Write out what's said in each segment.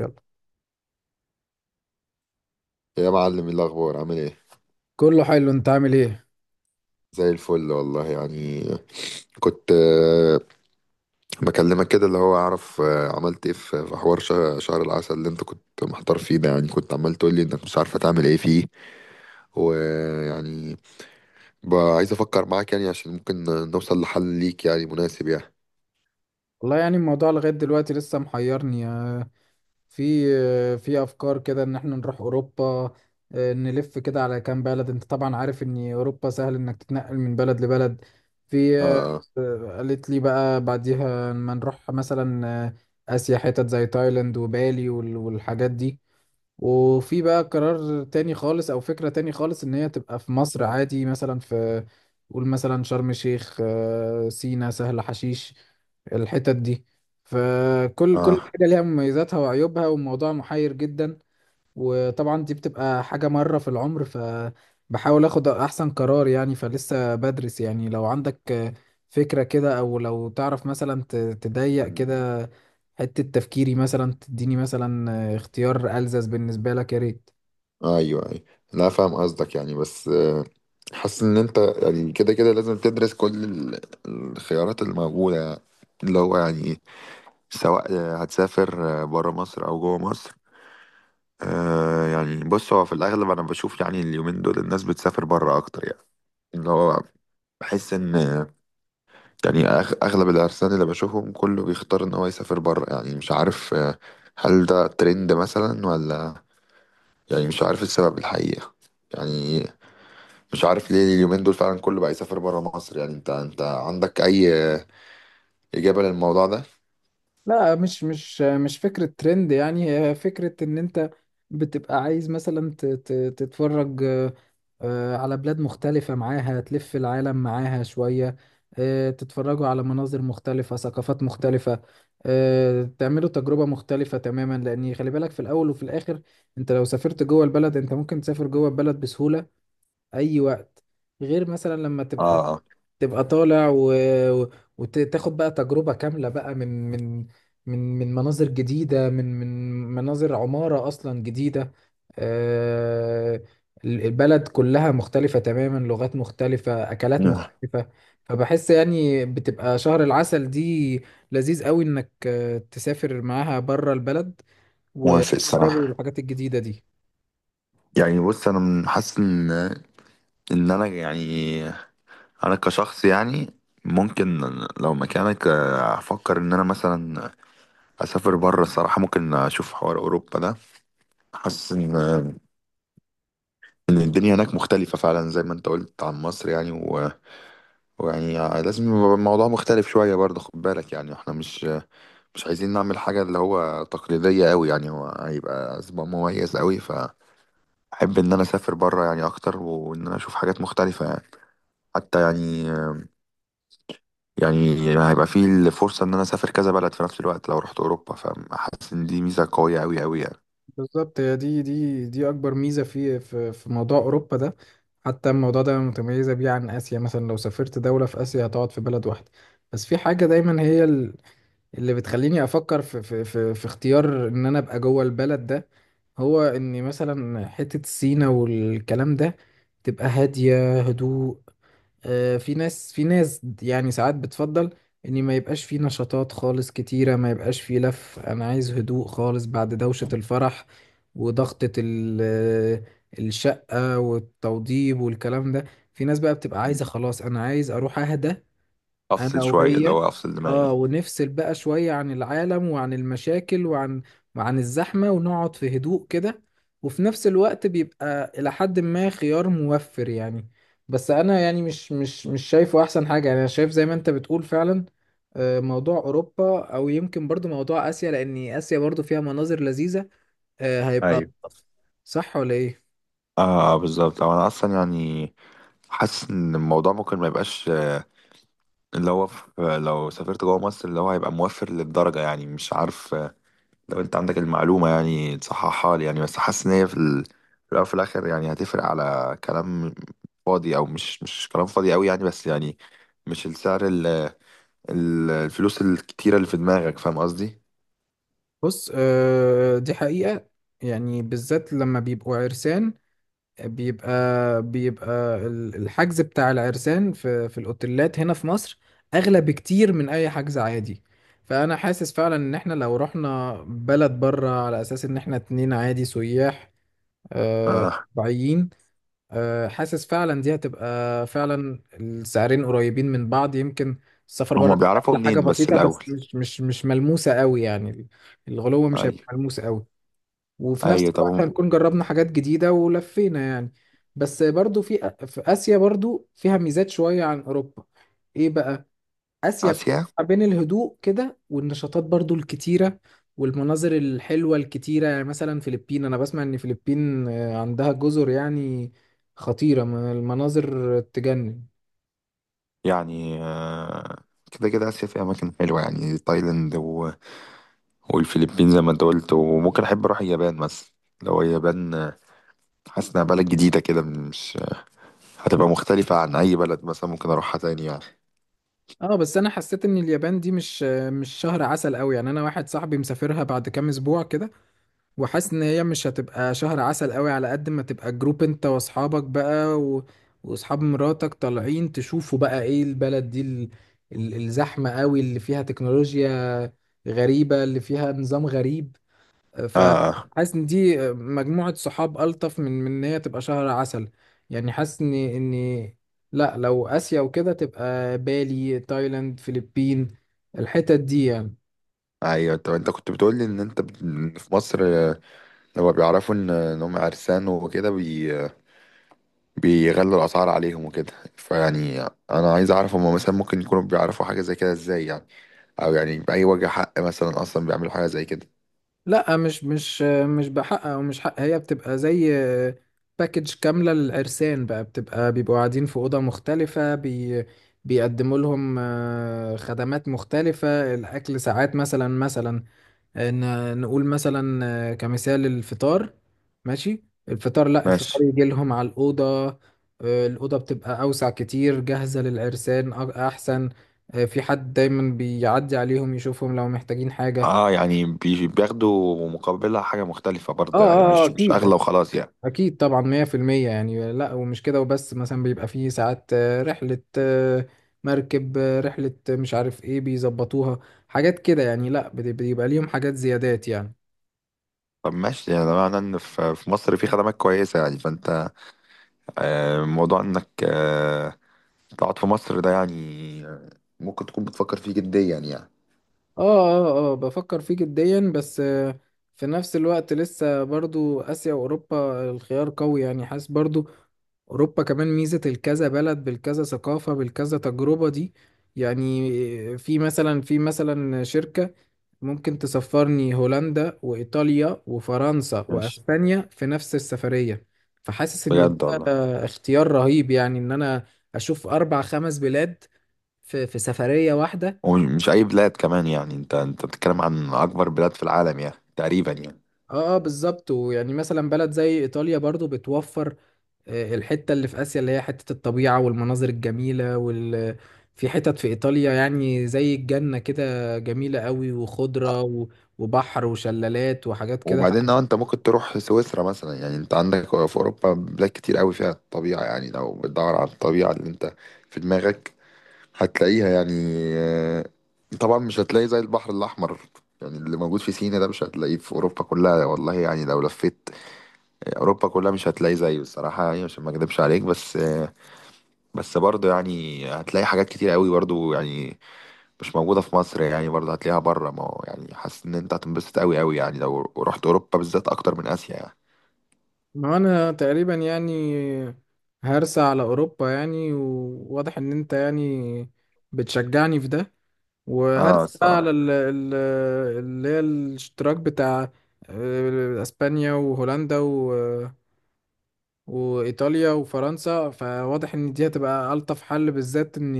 يلا، يا معلم إيه الاخبار عامل ايه؟ كله حلو. انت عامل ايه؟ زي الفل والله يعني. كنت بكلمك كده اللي هو اعرف، عملت ايه في حوار شهر العسل اللي انت كنت محتار فيه ده؟ يعني كنت عمال تقول لي انك مش عارفه تعمل ايه فيه ويعني بقى عايز افكر معاك يعني عشان ممكن نوصل لحل ليك يعني مناسب يعني. والله يعني الموضوع لغاية دلوقتي لسه محيرني يعني. في في افكار كده ان احنا نروح اوروبا، اه، نلف كده على كام بلد. انت طبعا عارف ان اوروبا سهل انك تتنقل من بلد لبلد. في اه. اه، قالت لي بقى بعديها ما نروح مثلا اه، اسيا، حتت زي تايلاند وبالي والحاجات دي. وفي بقى قرار تاني خالص او فكرة تاني خالص ان هي تبقى في مصر عادي، مثلا في قول مثلا شرم الشيخ، سينا، سهل حشيش، الحتت دي. فكل اه حاجة ليها مميزاتها وعيوبها، والموضوع محير جدا. وطبعا دي بتبقى حاجة مرة في العمر، فبحاول اخد احسن قرار يعني. فلسه بدرس يعني. لو عندك فكرة كده او لو تعرف مثلا تضيق مم. كده حتة تفكيري مثلا، تديني مثلا اختيار ألزز بالنسبة لك، يا ريت. ايوه ايوه، لا فاهم قصدك يعني، بس حاسس ان انت يعني كده كده لازم تدرس كل الخيارات الموجوده يعني. اللي هو يعني سواء هتسافر بره مصر او جوه مصر. يعني بص، هو في الاغلب انا بشوف يعني اليومين دول الناس بتسافر بره اكتر يعني. اللي هو بحس ان يعني اغلب العرسان اللي بشوفهم كله بيختار ان هو يسافر بره يعني. مش عارف هل ده ترند مثلا ولا يعني، مش عارف السبب الحقيقة يعني. مش عارف ليه اليومين دول فعلا كله بقى يسافر بره مصر يعني. انت انت عندك اي إجابة للموضوع ده؟ لا، مش فكرة ترند يعني. هي فكرة ان انت بتبقى عايز مثلا تتفرج، على بلاد مختلفة، معاها تلف العالم معاها شوية، تتفرجوا على مناظر مختلفة، ثقافات مختلفة، تعملوا تجربة مختلفة تماما. لأن خلي بالك في الأول وفي الآخر، أنت لو سافرت جوه البلد، أنت ممكن تسافر جوه البلد بسهولة أي وقت. غير مثلا لما تبقى اه. تبقى طالع و- وتاخد بقى تجربة كاملة بقى، من مناظر جديدة، من مناظر عمارة أصلا جديدة. آه، البلد كلها مختلفة تماما، لغات مختلفة، أكلات آه. مختلفة. فبحس يعني بتبقى شهر العسل دي لذيذ قوي إنك تسافر معاها بره البلد موافق وتجربوا الصراحة. الحاجات الجديدة دي. يعني بص انا حاسس ان انا يعني، انا كشخص يعني ممكن لو مكانك افكر ان انا مثلا اسافر بره الصراحه. ممكن اشوف حوار اوروبا ده، حاسس ان الدنيا هناك مختلفه فعلا زي ما انت قلت عن مصر يعني، و... ويعني لازم يبقى الموضوع مختلف شويه برضه. خد بالك يعني احنا مش عايزين نعمل حاجه اللي هو تقليديه قوي يعني. هو هيبقى اسبوع مميز قوي، فاحب ان انا اسافر بره يعني اكتر، وان انا اشوف حاجات مختلفه يعني. حتى يعني، يعني هيبقى فيه الفرصة إن أنا أسافر كذا بلد في نفس الوقت لو رحت أوروبا، فحاسس إن دي ميزة قوية أوي أوي يعني. بالظبط، هي دي اكبر ميزه في موضوع اوروبا ده. حتى الموضوع ده متميزه بيه عن اسيا، مثلا لو سافرت دوله في اسيا هتقعد في بلد واحده. بس في حاجه دايما هي اللي بتخليني افكر في اختيار ان انا ابقى جوه البلد ده، هو ان مثلا حته سينا والكلام ده تبقى هاديه، هدوء. في ناس، في ناس، يعني ساعات بتفضل ان ما يبقاش في نشاطات خالص كتيرة، ما يبقاش في لف. انا عايز هدوء خالص بعد دوشة الفرح وضغطة الشقة والتوضيب والكلام ده. في ناس بقى بتبقى عايزة مم. خلاص، انا عايز اروح اهدى انا أفصل شوية، اللي وهي، هو أفصل اه، دماغي. ونفصل بقى شوية عن العالم وعن المشاكل وعن الزحمة، ونقعد في هدوء كده. وفي نفس الوقت بيبقى إلى حد ما خيار موفر يعني. بس أنا يعني مش شايفه أحسن حاجة يعني. أنا شايف زي ما أنت بتقول فعلا، موضوع أوروبا، أو يمكن برضو موضوع آسيا، لأن آسيا برضو فيها مناظر لذيذة، هيبقى ايوه. ألطف. صح ولا إيه؟ اه، بالظبط. أو أنا أصلا يعني حاسس إن الموضوع ممكن ما يبقاش اللي هو في، لو سافرت جوه مصر اللي هو هيبقى موفر للدرجة يعني. مش عارف لو أنت عندك المعلومة يعني تصححها لي يعني، بس حاسس إن هي في في الأول وفي الآخر يعني هتفرق على كلام فاضي أو مش كلام فاضي أوي يعني. بس يعني مش السعر، الفلوس الكتيرة اللي في دماغك، فاهم قصدي؟ بص، دي حقيقة، يعني بالذات لما بيبقوا عرسان بيبقى بيبقى الحجز بتاع العرسان في الاوتيلات هنا في مصر اغلى بكتير من اي حجز عادي. فانا حاسس فعلا ان احنا لو رحنا بلد بره على اساس ان احنا اتنين عادي سياح، آه، آه. طبيعيين، حاسس فعلا دي هتبقى فعلا السعرين قريبين من بعض. يمكن السفر بره هما بيعرفوا هتبقى حاجة منين بس بسيطة، بس الأول؟ مش ملموسة قوي يعني. الغلو مش هيبقى أيوة. ملموس قوي، وفي نفس أيوة طب الوقت هنكون جربنا حاجات جديدة ولفينا يعني. بس برضو في في آسيا برضو فيها ميزات شوية عن أوروبا. إيه بقى؟ آسيا بتجمع آسيا بين الهدوء كده والنشاطات برضو الكتيرة والمناظر الحلوة الكتيرة يعني. مثلا فلبين، أنا بسمع إن فلبين عندها جزر يعني خطيرة، من المناظر تجنن. يعني كده كده آسيا فيها أماكن حلوة يعني، تايلاند و... والفلبين زي ما أنت قلت، وممكن أحب أروح اليابان مثلا. لو اليابان حاسس إنها بلد جديدة كده، مش هتبقى مختلفة عن أي بلد مثلا ممكن أروحها تاني يعني. اه بس انا حسيت ان اليابان دي مش مش شهر عسل قوي يعني. انا واحد صاحبي مسافرها بعد كام اسبوع كده، وحاسس ان هي مش هتبقى شهر عسل قوي، على قد ما تبقى جروب انت واصحابك بقى واصحاب مراتك طالعين تشوفوا بقى ايه البلد دي، الزحمة قوي اللي فيها، تكنولوجيا غريبة اللي فيها، نظام غريب. آه. آه. فحاسس ان دي مجموعة صحاب ألطف من ان هي تبقى شهر عسل يعني. حاسس ان لا، لو آسيا وكده، تبقى بالي، تايلاند، فلبين، الحتت دي يعني. أيوة طب أنت كنت بتقولي إن أنت في مصر، لما بيعرفوا إن هم عرسان وكده بيغلوا الأسعار عليهم وكده، فيعني أنا عايز أعرف هما مثلا ممكن يكونوا بيعرفوا حاجة زي كده إزاي يعني؟ أو يعني بأي وجه حق مثلا أصلا بيعملوا حاجة زي كده؟ لا، مش بحق او مش حق. هي بتبقى زي باكج كامله للعرسان بقى، بتبقى بيبقوا قاعدين في اوضه مختلفه، بيقدموا لهم، خدمات مختلفه. الاكل ساعات مثلا نقول مثلا، كمثال الفطار، ماشي، الفطار، لا، ماشي. الفطار يجي لهم على الاوضه. الاوضه بتبقى اوسع كتير، جاهزه للعرسان، احسن. في حد دايما بيعدي عليهم يشوفهم لو محتاجين حاجه. اه، يعني بياخدوا مقابلها حاجة مختلفة برضه يعني، مش اكيد، أغلى وخلاص يعني. أكيد طبعا، 100% يعني. لأ، ومش كده وبس، مثلا بيبقى فيه ساعات رحلة مركب، رحلة، مش عارف إيه بيظبطوها، حاجات كده يعني. لأ، بيبقى ليهم حاجات زيادات يعني. طب ماشي، يعني ده معناه إن في مصر في خدمات كويسة يعني. فأنت موضوع إنك تقعد في مصر ده يعني آه، ممكن تكون بتفكر فيه جديا يعني. آه بفكر فيه جديا، بس في نفس الوقت لسه برضو آسيا وأوروبا الخيار قوي يعني. حاسس برضو أوروبا كمان ميزة الكذا بلد بالكذا ثقافة بالكذا تجربة دي يعني. في مثلا، في مثلا شركة ممكن تسفرني هولندا وإيطاليا وفرنسا ماشي. وأسبانيا في نفس السفرية. فحاسس إن بجد والله. ده اختيار رهيب يعني، إن أنا أشوف أربع خمس بلاد في سفرية واحدة. ومش اي بلاد كمان يعني، انت انت بتتكلم عن اكبر بلاد في العالم يعني تقريبا يعني. بالظبط. ويعني مثلا بلد زي إيطاليا برضو بتوفر الحتة اللي في آسيا، اللي هي حتة الطبيعة والمناظر الجميلة، وال، في حتت في إيطاليا يعني زي الجنة كده، جميلة قوي، وخضرة وبحر وشلالات وحاجات كده. وبعدين لو انت ممكن تروح سويسرا مثلا، يعني انت عندك في اوروبا بلاد كتير قوي فيها الطبيعه يعني. لو بتدور على الطبيعه اللي انت في دماغك هتلاقيها يعني. آه، طبعا مش هتلاقي زي البحر الاحمر يعني، اللي موجود في سينا ده مش هتلاقيه في اوروبا كلها والله يعني. لو لفيت اوروبا كلها مش هتلاقي زيه الصراحه يعني، عشان ما اكدبش عليك. بس بس برضه يعني هتلاقي حاجات كتير قوي برضه يعني مش موجودة في مصر يعني، برضه هتلاقيها بره. ما هو يعني حاسس ان انت هتنبسط قوي قوي يعني لو رحت اوروبا بالذات اكتر من اسيا يعني. ما انا تقريبا يعني هرسى على اوروبا يعني. وواضح ان انت يعني بتشجعني في ده. اه وهرسى بقى على الصراحة. اللي هي الاشتراك بتاع اسبانيا وهولندا وايطاليا وفرنسا. فواضح ان دي هتبقى الطف حل، بالذات ان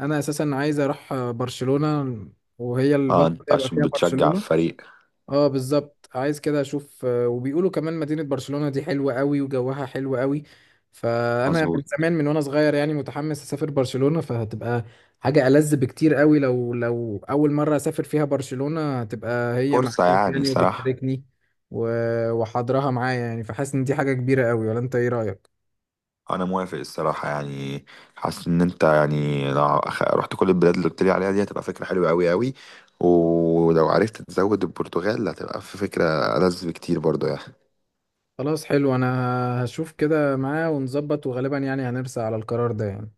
انا اساسا عايز اروح برشلونة، وهي اه البطولة انت هيبقى عشان فيها بتشجع برشلونة. الفريق. اه بالظبط، عايز كده اشوف، وبيقولوا كمان مدينة برشلونة دي حلوة قوي، وجوها حلو قوي. فانا من مظبوط. زمان، من وانا صغير يعني، متحمس اسافر برشلونة. فهتبقى حاجة ألذ بكتير قوي. لو لو اول مرة اسافر فيها برشلونة هتبقى هي فرصة معايا يعني يعني، صراحة. وبتشاركني وحاضرها معايا يعني. فحاسس ان دي حاجة كبيرة قوي. ولا انت ايه رأيك؟ انا موافق الصراحة يعني. حاسس ان انت يعني لو رحت كل البلاد اللي قلت لي عليها دي هتبقى فكرة حلوة قوي قوي، ولو عرفت تزود البرتغال هتبقى في فكرة ألذ بكتير برضه يعني. خلاص، حلو. انا هشوف كده معاه ونظبط، وغالبا يعني هنرسى على القرار ده يعني.